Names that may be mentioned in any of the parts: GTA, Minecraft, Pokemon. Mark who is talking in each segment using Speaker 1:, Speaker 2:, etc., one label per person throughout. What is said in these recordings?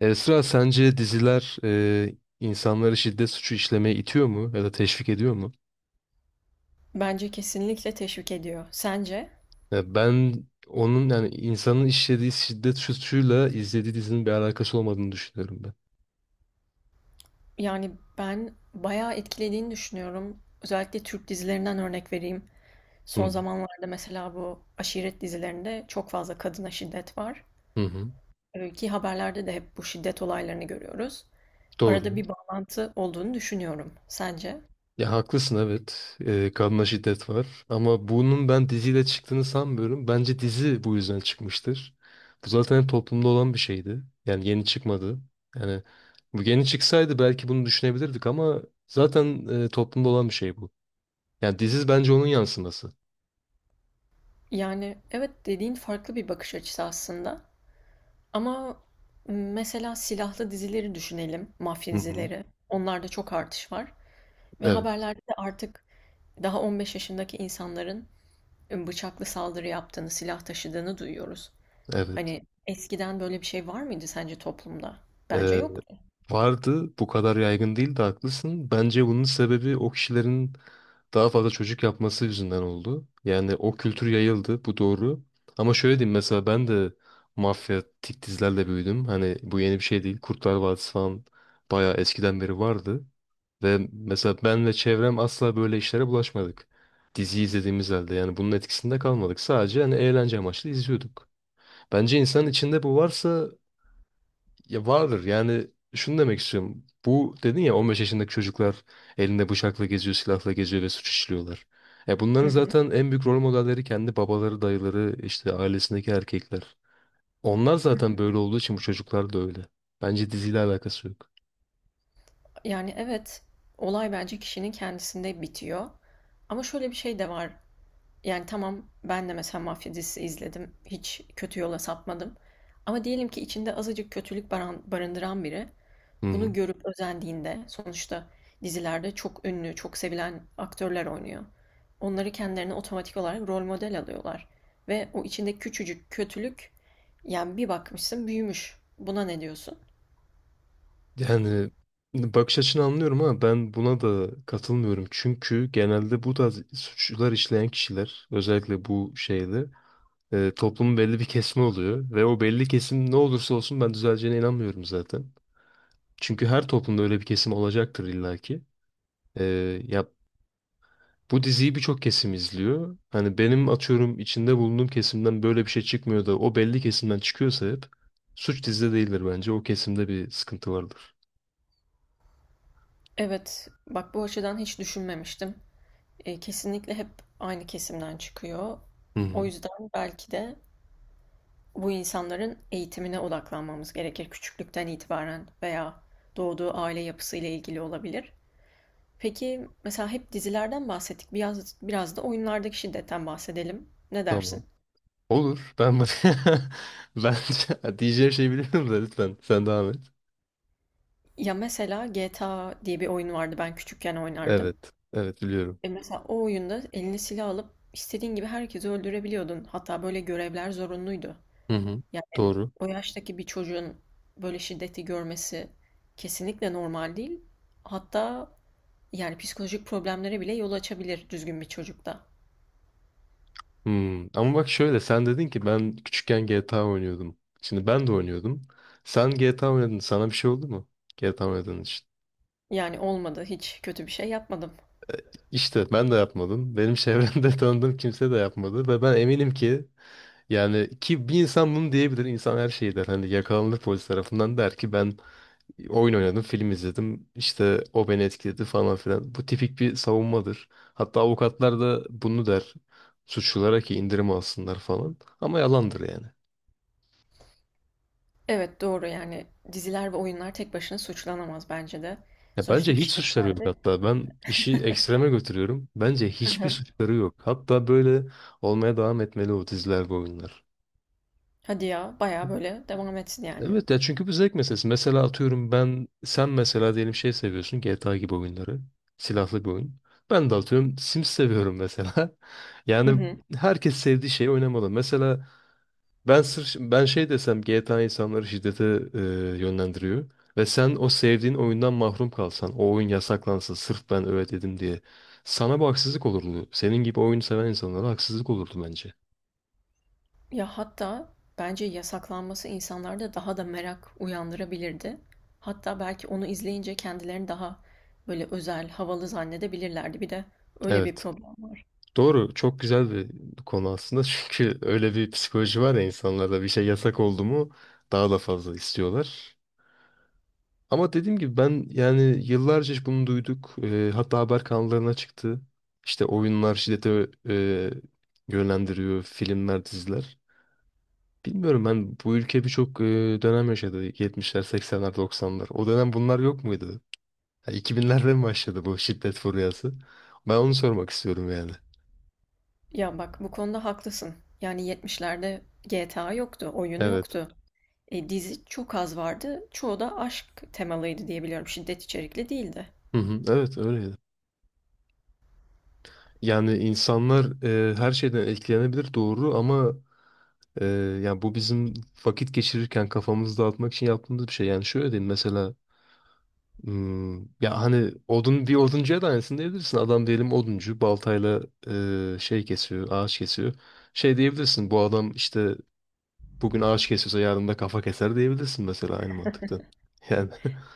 Speaker 1: Esra sence diziler insanları şiddet suçu işlemeye itiyor mu ya da teşvik ediyor mu?
Speaker 2: Bence kesinlikle teşvik ediyor. Sence?
Speaker 1: Ya ben onun yani insanın işlediği şiddet suçuyla izlediği dizinin bir alakası olmadığını düşünüyorum ben.
Speaker 2: Yani ben bayağı etkilediğini düşünüyorum. Özellikle Türk dizilerinden örnek vereyim.
Speaker 1: Hı
Speaker 2: Son
Speaker 1: hı.
Speaker 2: zamanlarda mesela bu aşiret dizilerinde çok fazla kadına şiddet var.
Speaker 1: Hı hı.
Speaker 2: Ki haberlerde de hep bu şiddet olaylarını görüyoruz. Arada
Speaker 1: Doğru.
Speaker 2: bir bağlantı olduğunu düşünüyorum. Sence?
Speaker 1: Ya haklısın, evet. Kadına şiddet var ama bunun ben diziyle çıktığını sanmıyorum. Bence dizi bu yüzden çıkmıştır. Bu zaten hep toplumda olan bir şeydi. Yani yeni çıkmadı. Yani bu yeni çıksaydı belki bunu düşünebilirdik ama zaten toplumda olan bir şey bu. Yani diziz bence onun yansıması.
Speaker 2: Yani evet dediğin farklı bir bakış açısı aslında. Ama mesela silahlı dizileri düşünelim, mafya
Speaker 1: Hı hı.
Speaker 2: dizileri. Onlarda çok artış var. Ve
Speaker 1: Evet,
Speaker 2: haberlerde de artık daha 15 yaşındaki insanların bıçaklı saldırı yaptığını, silah taşıdığını duyuyoruz.
Speaker 1: evet.
Speaker 2: Hani eskiden böyle bir şey var mıydı sence toplumda? Bence
Speaker 1: Ee,
Speaker 2: yoktu.
Speaker 1: Vardı, bu kadar yaygın değildi, haklısın. Bence bunun sebebi o kişilerin daha fazla çocuk yapması yüzünden oldu. Yani o kültür yayıldı, bu doğru. Ama şöyle diyeyim, mesela ben de mafya tik dizilerle büyüdüm. Hani bu yeni bir şey değil. Kurtlar Vadisi falan bayağı eskiden beri vardı. Ve mesela ben ve çevrem asla böyle işlere bulaşmadık. Dizi izlediğimiz halde yani bunun etkisinde kalmadık. Sadece hani eğlence amaçlı izliyorduk. Bence insanın içinde bu varsa ya vardır. Yani şunu demek istiyorum. Bu dedin ya, 15 yaşındaki çocuklar elinde bıçakla geziyor, silahla geziyor ve suç işliyorlar. Ya
Speaker 2: Hı
Speaker 1: bunların
Speaker 2: hı.
Speaker 1: zaten en büyük rol modelleri kendi babaları, dayıları, işte ailesindeki erkekler. Onlar zaten böyle olduğu için bu çocuklar da öyle. Bence diziyle alakası yok.
Speaker 2: Yani evet, olay bence kişinin kendisinde bitiyor. Ama şöyle bir şey de var. Yani tamam ben de mesela mafya dizisi izledim. Hiç kötü yola sapmadım. Ama diyelim ki içinde azıcık kötülük barındıran biri
Speaker 1: Hı hı.
Speaker 2: bunu görüp özendiğinde sonuçta dizilerde çok ünlü, çok sevilen aktörler oynuyor. Onları kendilerine otomatik olarak rol model alıyorlar. Ve o içinde küçücük kötülük yani bir bakmışsın büyümüş. Buna ne diyorsun?
Speaker 1: Yani bakış açını anlıyorum ama ben buna da katılmıyorum. Çünkü genelde bu tarz suçlar işleyen kişiler özellikle bu şeyde, toplumun belli bir kesimi oluyor ve o belli kesim ne olursa olsun ben düzeleceğine inanmıyorum zaten. Çünkü her toplumda öyle bir kesim olacaktır illaki. E, ya bu diziyi birçok kesim izliyor. Hani benim atıyorum içinde bulunduğum kesimden böyle bir şey çıkmıyor da o belli kesimden çıkıyorsa hep, suç dizide değildir bence. O kesimde bir sıkıntı vardır.
Speaker 2: Evet, bak bu açıdan hiç düşünmemiştim. E, kesinlikle hep aynı kesimden çıkıyor.
Speaker 1: Hı hı,
Speaker 2: O yüzden belki de bu insanların eğitimine odaklanmamız gerekir küçüklükten itibaren veya doğduğu aile yapısıyla ilgili olabilir. Peki mesela hep dizilerden bahsettik. Biraz, biraz da oyunlardaki şiddetten bahsedelim. Ne
Speaker 1: tamam.
Speaker 2: dersin?
Speaker 1: Olur. Ben bence diyeceğim şey biliyorum da lütfen sen devam et.
Speaker 2: Ya mesela GTA diye bir oyun vardı ben küçükken oynardım.
Speaker 1: Evet. Evet biliyorum.
Speaker 2: E mesela o oyunda eline silah alıp istediğin gibi herkesi öldürebiliyordun. Hatta böyle görevler zorunluydu.
Speaker 1: Hı hı.
Speaker 2: Yani
Speaker 1: Doğru.
Speaker 2: o yaştaki bir çocuğun böyle şiddeti görmesi kesinlikle normal değil. Hatta yani psikolojik problemlere bile yol açabilir düzgün bir çocukta.
Speaker 1: Hmm. Ama bak şöyle, sen dedin ki ben küçükken GTA oynuyordum. Şimdi ben de oynuyordum. Sen GTA oynadın. Sana bir şey oldu mu? GTA oynadığın için.
Speaker 2: Yani olmadı, hiç kötü bir şey yapmadım.
Speaker 1: İşte ben de yapmadım. Benim çevremde tanıdığım kimse de yapmadı. Ve ben eminim ki yani ki bir insan bunu diyebilir. İnsan her şeyi der. Hani yakalanır polis tarafından, der ki ben oyun oynadım, film izledim. İşte o beni etkiledi falan filan. Bu tipik bir savunmadır. Hatta avukatlar da bunu der. Suçlulara ki indirim alsınlar falan. Ama yalandır yani.
Speaker 2: Evet doğru yani diziler ve oyunlar tek başına suçlanamaz bence de.
Speaker 1: Ya bence
Speaker 2: Sonuçta
Speaker 1: hiç
Speaker 2: kişi de
Speaker 1: suçları yok
Speaker 2: kendi.
Speaker 1: hatta. Ben işi ekstreme götürüyorum. Bence
Speaker 2: Hı
Speaker 1: hiçbir
Speaker 2: hı.
Speaker 1: suçları yok. Hatta böyle olmaya devam etmeli o diziler, bu oyunlar.
Speaker 2: Hadi ya bayağı böyle devam etsin yani.
Speaker 1: Evet ya, çünkü bu zevk meselesi. Mesela atıyorum ben, sen mesela diyelim şey seviyorsun, GTA gibi oyunları. Silahlı bir oyun. Ben de atıyorum Sims seviyorum mesela.
Speaker 2: Hı
Speaker 1: Yani
Speaker 2: hı.
Speaker 1: herkes sevdiği şeyi oynamalı. Mesela ben sırf ben şey desem GTA insanları şiddete e, yönlendiriyor ve sen o sevdiğin oyundan mahrum kalsan, o oyun yasaklansa sırf ben öyle dedim diye, sana bu haksızlık olurdu. Senin gibi oyunu seven insanlara haksızlık olurdu bence.
Speaker 2: Ya hatta bence yasaklanması insanlarda daha da merak uyandırabilirdi. Hatta belki onu izleyince kendilerini daha böyle özel, havalı zannedebilirlerdi. Bir de öyle bir
Speaker 1: Evet.
Speaker 2: problem var.
Speaker 1: Doğru, çok güzel bir konu aslında çünkü öyle bir psikoloji var ya insanlarda, bir şey yasak oldu mu daha da fazla istiyorlar. Ama dediğim gibi ben yani yıllarca hiç bunu duyduk. Hatta haber kanallarına çıktı. İşte oyunlar şiddete yönlendiriyor, filmler, diziler. Bilmiyorum, ben bu ülke birçok dönem yaşadı. 70'ler, 80'ler, 90'lar. O dönem bunlar yok muydu? Ha, 2000'lerde mi başladı bu şiddet furyası? Ben onu sormak istiyorum yani.
Speaker 2: Ya bak bu konuda haklısın. Yani 70'lerde GTA yoktu, oyunu
Speaker 1: Evet.
Speaker 2: yoktu. E, dizi çok az vardı. Çoğu da aşk temalıydı diyebiliyorum. Şiddet içerikli değildi.
Speaker 1: Hı hı, evet öyleydi. Yani insanlar her şeyden etkilenebilir doğru ama Ee, yani bu bizim vakit geçirirken kafamızı dağıtmak için yaptığımız bir şey. Yani şöyle diyeyim mesela, ya hani odun bir oduncuya da aynısını diyebilirsin. Adam diyelim oduncu baltayla şey kesiyor, ağaç kesiyor. Şey diyebilirsin, bu adam işte bugün ağaç kesiyorsa yarın da kafa keser diyebilirsin mesela, aynı mantıkta. Yani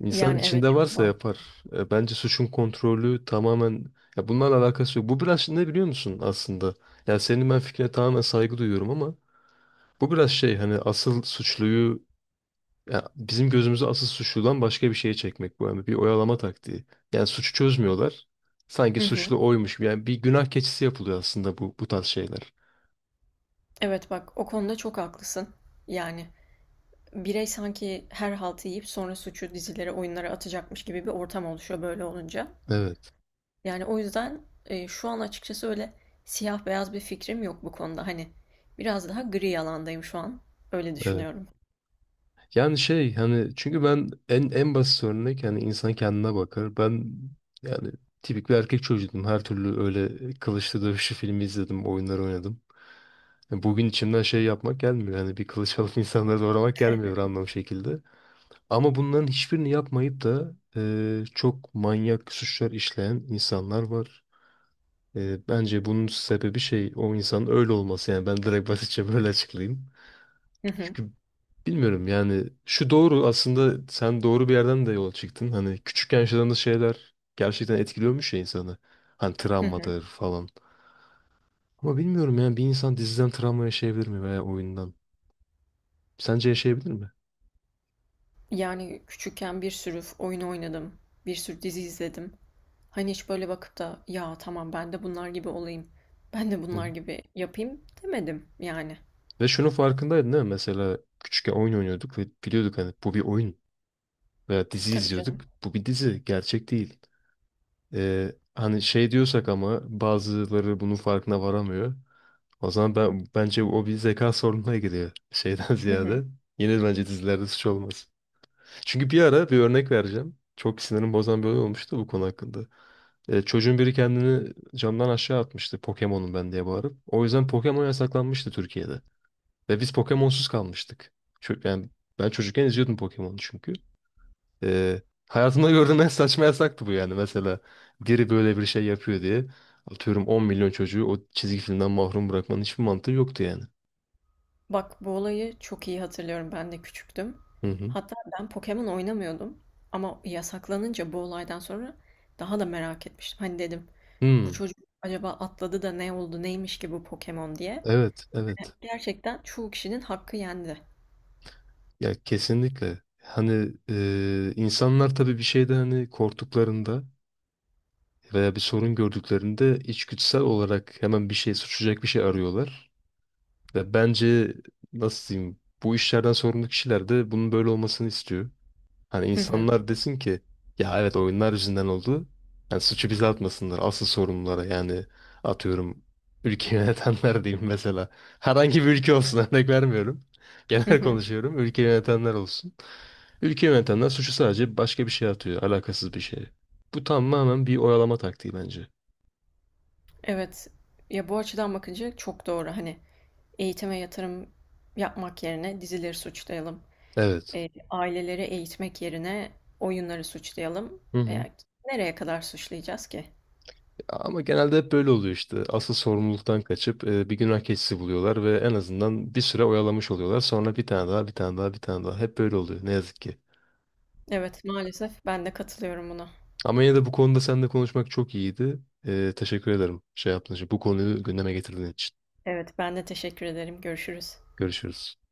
Speaker 1: insan
Speaker 2: Yani evet
Speaker 1: içinde
Speaker 2: çok
Speaker 1: varsa
Speaker 2: var.
Speaker 1: yapar. Bence suçun kontrolü tamamen, ya bunlarla alakası yok. Bu biraz ne biliyor musun aslında? Ya senin, ben fikrine tamamen saygı duyuyorum ama bu biraz şey, hani asıl suçluyu, ya bizim gözümüzü asıl suçludan başka bir şeye çekmek bu, yani bir oyalama taktiği. Yani suçu çözmüyorlar. Sanki
Speaker 2: Hı hı.
Speaker 1: suçlu oymuş gibi. Yani bir günah keçisi yapılıyor aslında bu tarz şeyler.
Speaker 2: Evet bak o konuda çok haklısın. Yani birey sanki her haltı yiyip sonra suçu dizilere, oyunlara atacakmış gibi bir ortam oluşuyor böyle olunca.
Speaker 1: Evet,
Speaker 2: Yani o yüzden şu an açıkçası öyle siyah beyaz bir fikrim yok bu konuda. Hani biraz daha gri alandayım şu an. Öyle
Speaker 1: evet.
Speaker 2: düşünüyorum.
Speaker 1: Yani şey hani, çünkü ben en basit örnek, hani insan kendine bakar. Ben yani tipik bir erkek çocuğuydum. Her türlü öyle kılıçlı dövüşü filmi izledim, oyunları oynadım. Yani bugün içimden şey yapmak gelmiyor. Hani bir kılıç alıp insanları doğramak gelmiyor anlam şekilde. Ama bunların hiçbirini yapmayıp da çok manyak suçlar işleyen insanlar var. Bence bunun sebebi şey, o insanın öyle olması. Yani ben direkt basitçe böyle açıklayayım.
Speaker 2: Hı hı.
Speaker 1: Çünkü bilmiyorum yani, şu doğru aslında, sen doğru bir yerden de yola çıktın. Hani küçükken yaşadığımız şeyler gerçekten etkiliyormuş ya insanı. Hani
Speaker 2: Hı hı.
Speaker 1: travmadır falan. Ama bilmiyorum yani, bir insan diziden travma yaşayabilir mi veya oyundan? Sence yaşayabilir mi?
Speaker 2: Yani küçükken bir sürü oyun oynadım. Bir sürü dizi izledim. Hani hiç böyle bakıp da ya tamam ben de bunlar gibi olayım. Ben de
Speaker 1: Hı.
Speaker 2: bunlar gibi yapayım demedim yani.
Speaker 1: Ve şunun farkındaydın değil mi? Mesela küçükken oyun oynuyorduk ve biliyorduk hani bu bir oyun, veya dizi
Speaker 2: Tabii
Speaker 1: izliyorduk.
Speaker 2: canım.
Speaker 1: Bu bir dizi, gerçek değil. Hani şey diyorsak ama bazıları bunun farkına varamıyor. O zaman ben, bence o bir zeka sorununa giriyor şeyden
Speaker 2: Hı hı.
Speaker 1: ziyade. Yine bence dizilerde suç olmaz. Çünkü bir ara bir örnek vereceğim. Çok sinirim bozan bir olay olmuştu bu konu hakkında. Çocuğun biri kendini camdan aşağı atmıştı, Pokemon'um ben diye bağırıp. O yüzden Pokemon yasaklanmıştı Türkiye'de. Ve biz Pokemon'suz kalmıştık. Yani ben çocukken izliyordum Pokemon'u çünkü. Ee, Hayatımda gördüğüm en saçma yasaktı bu yani. Mesela biri böyle bir şey yapıyor diye atıyorum 10 milyon çocuğu o çizgi filmden mahrum bırakmanın hiçbir mantığı yoktu yani.
Speaker 2: Bak bu olayı çok iyi hatırlıyorum. Ben de küçüktüm.
Speaker 1: Hı hı.
Speaker 2: Hatta ben Pokemon oynamıyordum. Ama yasaklanınca bu olaydan sonra daha da merak etmiştim. Hani dedim bu
Speaker 1: Hmm,
Speaker 2: çocuk acaba atladı da ne oldu neymiş ki bu Pokemon diye.
Speaker 1: evet, evet.
Speaker 2: Gerçekten çoğu kişinin hakkı yendi.
Speaker 1: Ya kesinlikle. Hani insanlar tabii bir şeyde, hani korktuklarında veya bir sorun gördüklerinde içgüdüsel olarak hemen bir şey suçlayacak bir şey arıyorlar. Ya bence, nasıl diyeyim, bu işlerden sorumlu kişiler de bunun böyle olmasını istiyor. Hani
Speaker 2: Hı hı.
Speaker 1: insanlar desin ki, ya evet oyunlar yüzünden oldu. Yani suçu bize atmasınlar, asıl sorumlulara yani atıyorum ülke yönetenler diyeyim mesela. Herhangi bir ülke olsun, örnek vermiyorum.
Speaker 2: Hı
Speaker 1: Genel
Speaker 2: hı.
Speaker 1: konuşuyorum, ülke yönetenler olsun. Ülke yönetenler suçu sadece başka bir şeye atıyor, alakasız bir şeye. Bu tamamen bir oyalama taktiği bence.
Speaker 2: Evet. Ya bu açıdan bakınca çok doğru. Hani eğitime yatırım yapmak yerine dizileri suçlayalım.
Speaker 1: Evet.
Speaker 2: Aileleri eğitmek yerine oyunları suçlayalım.
Speaker 1: Hı hı.
Speaker 2: Eee, nereye kadar suçlayacağız ki?
Speaker 1: Ama genelde hep böyle oluyor işte. Asıl sorumluluktan kaçıp bir günah keçisi buluyorlar ve en azından bir süre oyalamış oluyorlar. Sonra bir tane daha, bir tane daha, bir tane daha. Hep böyle oluyor ne yazık ki.
Speaker 2: Evet, maalesef ben de katılıyorum buna.
Speaker 1: Ama yine de bu konuda seninle konuşmak çok iyiydi. Teşekkür ederim şey yaptığın için. Bu konuyu gündeme getirdiğin için.
Speaker 2: Evet, ben de teşekkür ederim. Görüşürüz.
Speaker 1: Görüşürüz.